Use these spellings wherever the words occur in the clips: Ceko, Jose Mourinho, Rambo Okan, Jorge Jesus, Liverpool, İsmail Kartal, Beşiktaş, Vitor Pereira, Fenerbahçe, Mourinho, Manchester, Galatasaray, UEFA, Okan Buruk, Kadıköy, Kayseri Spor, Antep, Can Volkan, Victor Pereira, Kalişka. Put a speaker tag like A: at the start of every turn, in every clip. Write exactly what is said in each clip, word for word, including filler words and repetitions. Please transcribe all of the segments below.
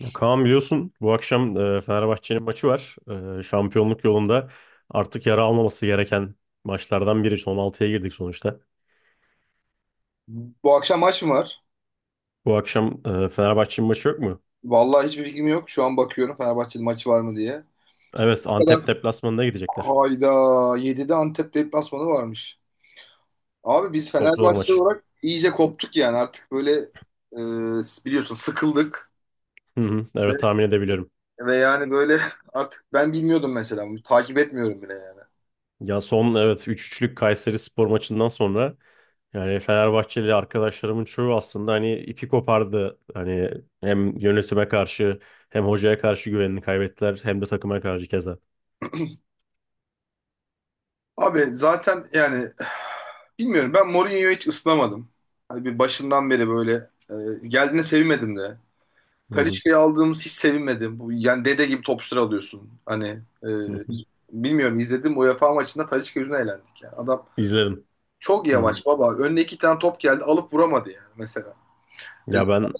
A: Ya Kaan biliyorsun bu akşam e, Fenerbahçe'nin maçı var. E, şampiyonluk yolunda artık yara almaması gereken maçlardan biri. Son altıya girdik sonuçta.
B: Bu akşam maç mı var?
A: Bu akşam e, Fenerbahçe'nin maçı yok mu?
B: Vallahi hiçbir fikrim yok. Şu an bakıyorum Fenerbahçe'de maçı var mı diye.
A: Evet,
B: O kadar.
A: Antep deplasmanına gidecekler.
B: Hayda. yedide Antep deplasmanı varmış. Abi biz
A: Çok zor
B: Fenerbahçe
A: maç.
B: olarak iyice koptuk yani. Artık böyle e, biliyorsun sıkıldık.
A: Hı hı,
B: Ve,
A: evet, tahmin edebiliyorum.
B: ve yani böyle artık ben bilmiyordum mesela. Takip etmiyorum bile yani.
A: Ya son evet üç üçlük Kayseri Spor maçından sonra yani Fenerbahçeli arkadaşlarımın çoğu aslında hani ipi kopardı. Hani hem yönetime karşı hem hocaya karşı güvenini kaybettiler, hem de takıma karşı keza.
B: Abi zaten yani bilmiyorum ben Mourinho'yu hiç ısınamadım. Hani bir başından beri böyle e, geldiğine sevmedim de.
A: Hı hı,
B: Kalişka'yı aldığımız hiç sevinmedim. Bu, yani dede gibi topçuları alıyorsun. Hani e,
A: hı hı.
B: bilmiyorum izledim UEFA maçında Kalişka yüzüne eğlendik. Yani. Adam
A: İzledim.
B: çok
A: Hı.
B: yavaş baba. Önüne iki tane top geldi alıp vuramadı yani mesela. E,
A: Ya ben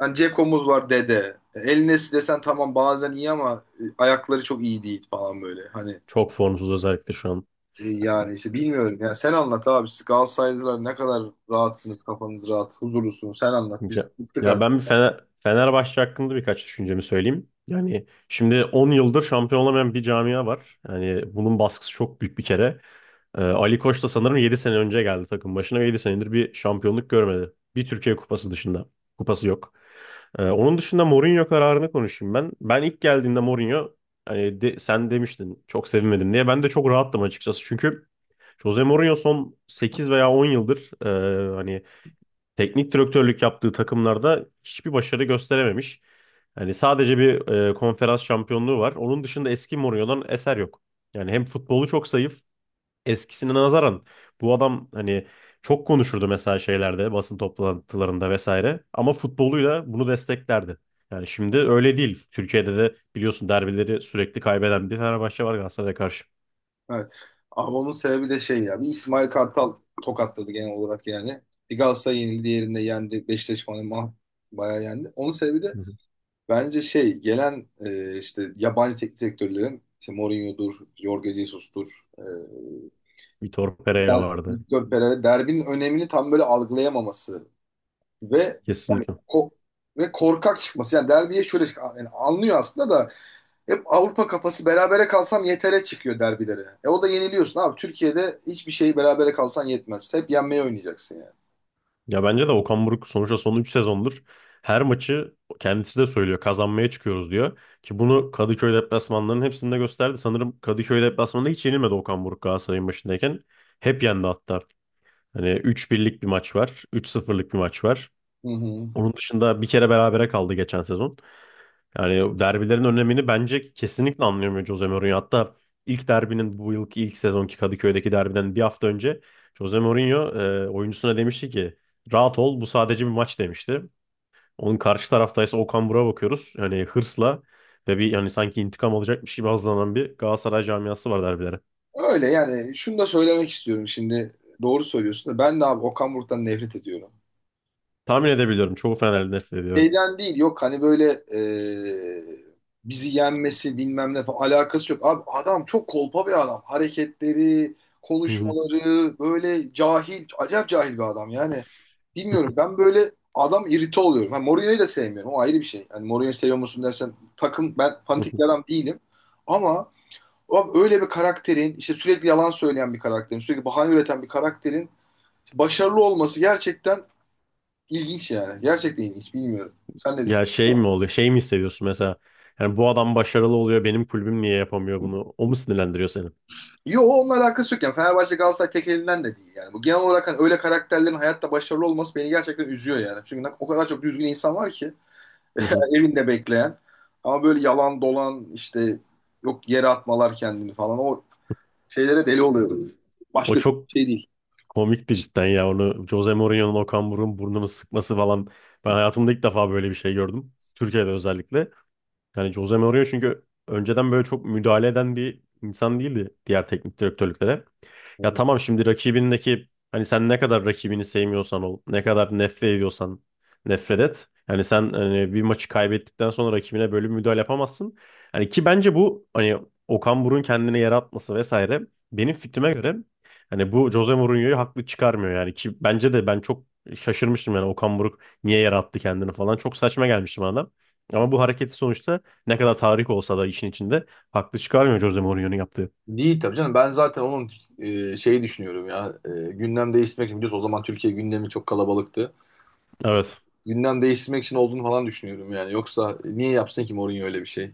B: zaten Ceko'muz var dede. E, El desen tamam bazen iyi ama e, ayakları çok iyi değil falan böyle. Hani
A: çok formsuz özellikle şu an.
B: e, yani işte bilmiyorum. Yani sen anlat abi. Siz Galatasaraylılar ne kadar rahatsınız, kafanız rahat, huzurlusunuz. Sen anlat. Biz
A: Ya,
B: bıktık
A: ya ben
B: artık.
A: bir Fener, Fenerbahçe hakkında birkaç düşüncemi söyleyeyim. Yani şimdi on yıldır şampiyon olamayan bir camia var. Yani bunun baskısı çok büyük bir kere. Ee, Ali Koç da sanırım yedi sene önce geldi takım başına ve yedi senedir bir şampiyonluk görmedi. Bir Türkiye Kupası dışında. Kupası yok. Ee, onun dışında Mourinho kararını konuşayım ben. Ben ilk geldiğinde Mourinho hani de- sen demiştin çok sevinmedim diye. Ben de çok rahattım açıkçası. Çünkü Jose Mourinho son sekiz veya on yıldır e, hani teknik direktörlük yaptığı takımlarda hiçbir başarı gösterememiş. Yani sadece bir e, konferans şampiyonluğu var. Onun dışında eski Mourinho'dan eser yok. Yani hem futbolu çok zayıf eskisine nazaran, bu adam hani çok konuşurdu mesela şeylerde, basın toplantılarında vesaire ama futboluyla bunu desteklerdi. Yani şimdi öyle değil. Türkiye'de de biliyorsun derbileri sürekli kaybeden bir Fenerbahçe var Galatasaray'a karşı.
B: Evet. Abi onun sebebi de şey ya. Bir İsmail Kartal tokatladı genel olarak yani. Bir Galatasaray yenildi, diğerinde yendi. Beşiktaş falan mah bayağı yendi. Onun sebebi de
A: Hı hı.
B: bence şey gelen e, işte yabancı teknik direktörlerin işte Mourinho'dur, Jorge Jesus'tur, e,
A: Vitor Pereira vardı.
B: Victor Pereira derbinin önemini tam böyle algılayamaması ve
A: Kesinlikle.
B: ko- ve korkak çıkması. Yani derbiye şöyle yani anlıyor aslında da hep Avrupa kafası berabere kalsam yetere çıkıyor derbilere. E o da yeniliyorsun abi. Türkiye'de hiçbir şeyi berabere kalsan yetmez. Hep yenmeye oynayacaksın yani.
A: Ya bence de Okan Buruk sonuçta son üç sezondur her maçı, kendisi de söylüyor, kazanmaya çıkıyoruz diyor. Ki bunu Kadıköy deplasmanlarının hepsinde gösterdi. Sanırım Kadıköy deplasmanında hiç yenilmedi Okan Buruk Galatasaray'ın başındayken. Hep yendi hatta. Hani üç birlik bir maç var. Üç sıfırlık bir maç var.
B: Hı hı.
A: Onun dışında bir kere berabere kaldı geçen sezon. Yani derbilerin önemini bence kesinlikle anlayamıyor Jose Mourinho. Hatta ilk derbinin, bu yılki ilk sezonki Kadıköy'deki derbiden bir hafta önce, Jose Mourinho e, oyuncusuna demişti ki rahat ol, bu sadece bir maç demişti. Onun karşı taraftaysa Okan Buruk'a bakıyoruz. Yani hırsla ve bir, yani sanki intikam alacakmış gibi hazırlanan bir Galatasaray camiası var derbilere.
B: Öyle yani şunu da söylemek istiyorum şimdi. Doğru söylüyorsun da ben de abi Okan Buruk'tan nefret ediyorum.
A: Tahmin edebiliyorum. Çoğu Fenerli nefret ediyor, evet.
B: Şeyden değil yok hani böyle e, bizi yenmesi bilmem ne falan alakası yok. Abi adam çok kolpa bir adam. Hareketleri,
A: Hı
B: konuşmaları böyle cahil, acayip cahil bir adam yani. Bilmiyorum ben böyle adam irite oluyorum. Ha, Mourinho'yu da sevmiyorum o ayrı bir şey. Yani Mourinho'yu seviyor musun dersen takım ben
A: hı.
B: fanatik bir adam değilim. Ama abi öyle bir karakterin işte sürekli yalan söyleyen bir karakterin sürekli bahane üreten bir karakterin başarılı olması gerçekten ilginç yani. Gerçekten ilginç bilmiyorum. Sen ne
A: Ya şey
B: düşünüyorsun?
A: mi oluyor? Şey mi hissediyorsun mesela? Yani bu adam başarılı oluyor, benim kulübüm niye yapamıyor bunu? O mu sinirlendiriyor seni?
B: Yo onunla alakası yok yani. Fenerbahçe Galatasaray tek elinden de değil yani. Bu genel olarak hani öyle karakterlerin hayatta başarılı olması beni gerçekten üzüyor yani. Çünkü o kadar çok düzgün insan var ki
A: Hı hı.
B: yani evinde bekleyen ama böyle yalan dolan işte yok yere atmalar kendini falan o şeylere deli oluyorum.
A: O
B: Başka türlü
A: çok
B: bir şey değil.
A: komikti cidden ya. Onu, Jose Mourinho'nun Okan Buruk'un burnunu sıkması falan. Ben hayatımda ilk defa böyle bir şey gördüm. Türkiye'de özellikle. Yani Jose Mourinho çünkü önceden böyle çok müdahale eden bir insan değildi diğer teknik direktörlüklere.
B: Hı
A: Ya
B: hı.
A: tamam, şimdi rakibindeki, hani sen ne kadar rakibini sevmiyorsan ol, ne kadar nefret ediyorsan nefret et. Yani sen hani bir maçı kaybettikten sonra rakibine böyle bir müdahale yapamazsın. Hani ki bence bu hani Okan Buruk'un kendine yer atması vesaire, benim fikrime göre hani bu Jose Mourinho'yu haklı çıkarmıyor, yani ki bence de ben çok şaşırmıştım yani Okan Buruk niye yer attı kendini falan, çok saçma gelmişti bana da. Ama bu hareketi, sonuçta ne kadar tarih olsa da işin içinde, haklı çıkarmıyor Jose Mourinho'nun yaptığı.
B: Değil tabii canım. Ben zaten onun e, şeyi düşünüyorum ya. E, gündem değiştirmek için biliyorsun o zaman Türkiye gündemi çok kalabalıktı.
A: Evet.
B: Gündem değiştirmek için olduğunu falan düşünüyorum yani. Yoksa niye yapsın ki Mourinho öyle bir şey?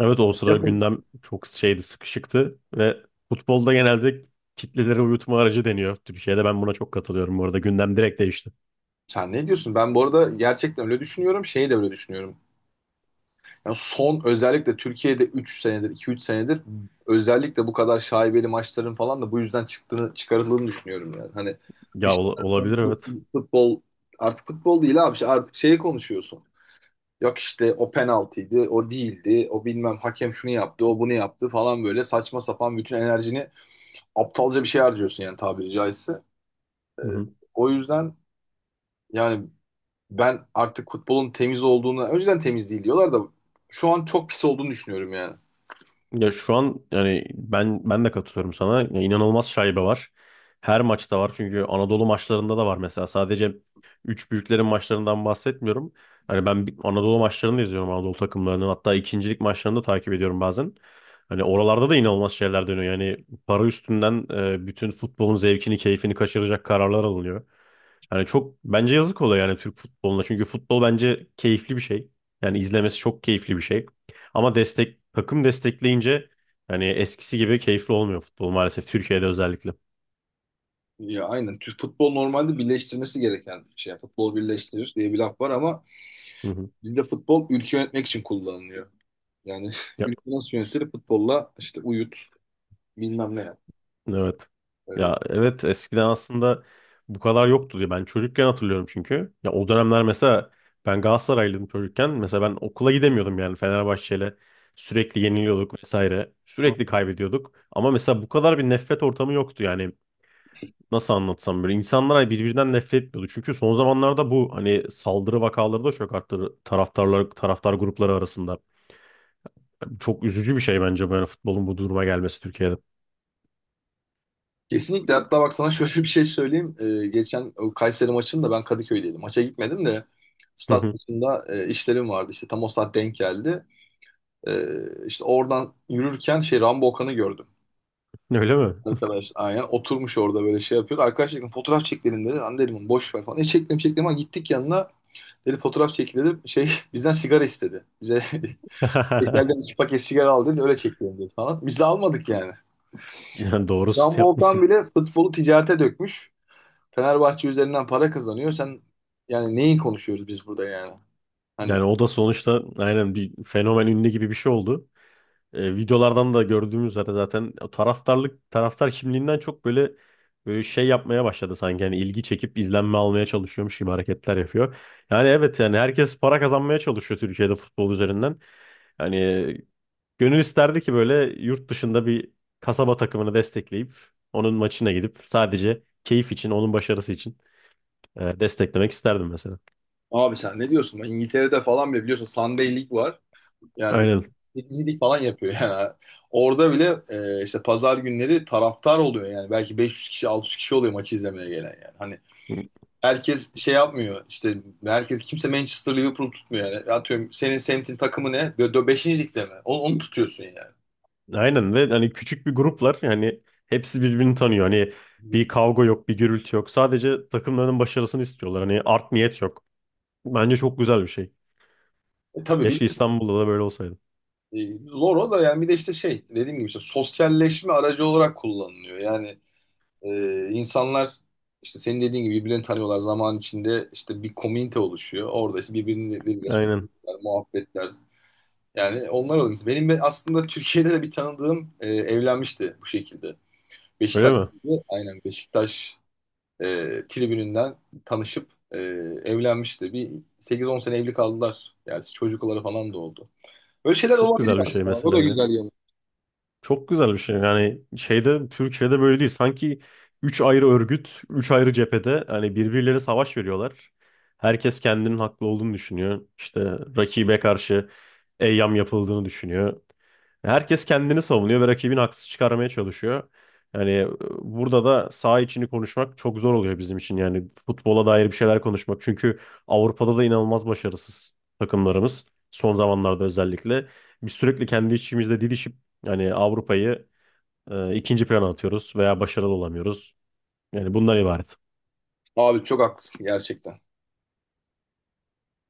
A: Evet, o sıra
B: Yapın.
A: gündem çok şeydi, sıkışıktı ve futbolda genelde kitleleri uyutma aracı deniyor. Türkiye'de ben buna çok katılıyorum bu arada. Gündem direkt değişti.
B: Sen ne diyorsun? Ben bu arada gerçekten öyle düşünüyorum. Şeyi de öyle düşünüyorum. Yani son özellikle Türkiye'de üç senedir, iki üç senedir özellikle bu kadar şaibeli maçların falan da bu yüzden çıktığını, çıkarıldığını düşünüyorum yani. Hani bir
A: Ya ola-
B: şeyler
A: olabilir, evet.
B: konuşulsun, futbol artık futbol değil abi. İşte artık şeyi konuşuyorsun. Yok işte o penaltıydı, o değildi, o bilmem hakem şunu yaptı, o bunu yaptı falan böyle saçma sapan bütün enerjini aptalca bir şey harcıyorsun yani tabiri caizse.
A: Hı hı.
B: O yüzden yani ben artık futbolun temiz olduğunu, önceden temiz değil diyorlar da şu an çok pis olduğunu düşünüyorum yani.
A: Ya şu an, yani ben ben de katılıyorum sana. Ya inanılmaz şaibe var. Her maçta var, çünkü Anadolu maçlarında da var mesela. Sadece üç büyüklerin maçlarından bahsetmiyorum. Hani ben bir- Anadolu maçlarını da izliyorum, Anadolu takımlarının. Hatta ikincilik maçlarını da takip ediyorum bazen. Hani oralarda da inanılmaz şeyler dönüyor. Yani para üstünden e, bütün futbolun zevkini, keyfini kaçıracak kararlar alınıyor. Yani çok bence yazık oluyor yani Türk futboluna. Çünkü futbol bence keyifli bir şey. Yani izlemesi çok keyifli bir şey. Ama destek, takım destekleyince yani eskisi gibi keyifli olmuyor futbol, maalesef Türkiye'de özellikle.
B: Ya aynen. Türk futbol normalde birleştirmesi gereken bir şey. Yani futbol birleştirir diye bir laf var ama
A: Hı hı.
B: bizde futbol ülke yönetmek için kullanılıyor. Yani
A: Ya,
B: ülke nasıl yönetilir futbolla işte uyut bilmem ne yap.
A: evet.
B: Ee,
A: Ya evet, eskiden aslında bu kadar yoktu diye ben çocukken hatırlıyorum çünkü. Ya o dönemler mesela ben Galatasaraylıydım çocukken. Mesela ben okula gidemiyordum yani, Fenerbahçe'yle sürekli yeniliyorduk vesaire. Sürekli
B: ha.
A: kaybediyorduk. Ama mesela bu kadar bir nefret ortamı yoktu yani, nasıl anlatsam, böyle insanlar hani birbirinden nefret etmiyordu. Çünkü son zamanlarda bu hani saldırı vakaları da çok arttı taraftarlar, taraftar grupları arasında. Çok üzücü bir şey bence böyle futbolun bu duruma gelmesi Türkiye'de.
B: Kesinlikle hatta bak sana şöyle bir şey söyleyeyim. Ee, geçen o Kayseri maçında ben Kadıköy'deydim. Maça gitmedim de
A: Hı
B: stat
A: hı.
B: maçında e, işlerim vardı. İşte tam o saat denk geldi. Ee, işte oradan yürürken şey Rambo Okan'ı gördüm.
A: Öyle mi?
B: Arkadaş aynen oturmuş orada böyle şey yapıyordu. Arkadaş dedim fotoğraf çekelim dedi. Lan dedim boş ver falan. E çektim çektim ama gittik yanına. Dedi fotoğraf çekin dedim. Şey bizden sigara istedi. Bize tekelden iki paket sigara al dedi. Öyle çekelim dedi falan. Biz de almadık yani.
A: Yani doğrusu
B: Can Volkan
A: yapmışsın.
B: bile futbolu ticarete dökmüş. Fenerbahçe üzerinden para kazanıyor. Sen yani neyi konuşuyoruz biz burada yani? Hani
A: Yani o da sonuçta aynen bir fenomen, ünlü gibi bir şey oldu. E, videolardan da gördüğümüz üzere zaten o taraftarlık, taraftar kimliğinden çok böyle böyle şey yapmaya başladı sanki, yani ilgi çekip izlenme almaya çalışıyormuş gibi hareketler yapıyor. Yani evet, yani herkes para kazanmaya çalışıyor Türkiye'de futbol üzerinden. Yani gönül isterdi ki böyle yurt dışında bir kasaba takımını destekleyip onun maçına gidip sadece keyif için, onun başarısı için e, desteklemek isterdim mesela.
B: abi sen ne diyorsun? Ben İngiltere'de falan bile biliyorsun Sunday League var. Yani
A: Aynen.
B: temizlik falan yapıyor yani. Orada bile e, işte pazar günleri taraftar oluyor yani. Belki beş yüz kişi altı yüz kişi oluyor maçı izlemeye gelen yani. Hani herkes şey yapmıyor işte herkes kimse Manchester Liverpool tutmuyor yani. Atıyorum senin semtin takımı ne? beşinci ligde mi? Onu, onu tutuyorsun yani. Onu-
A: Aynen, ve hani küçük bir gruplar yani, hepsi birbirini tanıyor. Hani bir kavga yok, bir gürültü yok. Sadece takımlarının başarısını istiyorlar. Hani art niyet yok. Bence çok güzel bir şey.
B: E, tabii bir
A: Keşke İstanbul'da da böyle olsaydı.
B: e, zor o da yani bir de işte şey dediğim gibi işte sosyalleşme aracı olarak kullanılıyor. Yani Ee, insanlar işte senin dediğin gibi birbirini tanıyorlar. Zaman içinde işte bir komünite oluşuyor. Orada işte birbirleriyle
A: Aynen.
B: sohbetler, muhabbetler. Yani onlar oluyor. Mesela benim be- aslında Türkiye'de de bir tanıdığım e, evlenmişti bu şekilde.
A: Öyle mi?
B: Beşiktaş'taydı. Aynen Beşiktaş e, tribününden tanışıp e, evlenmişti. Bir sekiz on sene evli kaldılar. Yani çocukları falan da oldu. Böyle şeyler
A: Çok
B: olabilir
A: güzel bir şey
B: aslında. O
A: mesela
B: da
A: ya.
B: güzel yanı.
A: Çok güzel bir şey. Yani şeyde, Türkiye'de böyle değil. Sanki üç ayrı örgüt, üç ayrı cephede hani birbirleri savaş veriyorlar. Herkes kendinin haklı olduğunu düşünüyor. İşte rakibe karşı eyyam yapıldığını düşünüyor. Herkes kendini savunuyor ve rakibini haksız çıkarmaya çalışıyor. Yani e, burada da saha içini konuşmak çok zor oluyor bizim için. Yani futbola dair bir şeyler konuşmak. Çünkü Avrupa'da da inanılmaz başarısız takımlarımız. Son zamanlarda özellikle. Biz sürekli kendi içimizde didişip yani Avrupa'yı e, ikinci plana atıyoruz veya başarılı olamıyoruz. Yani bundan ibaret.
B: Abi çok haklısın gerçekten.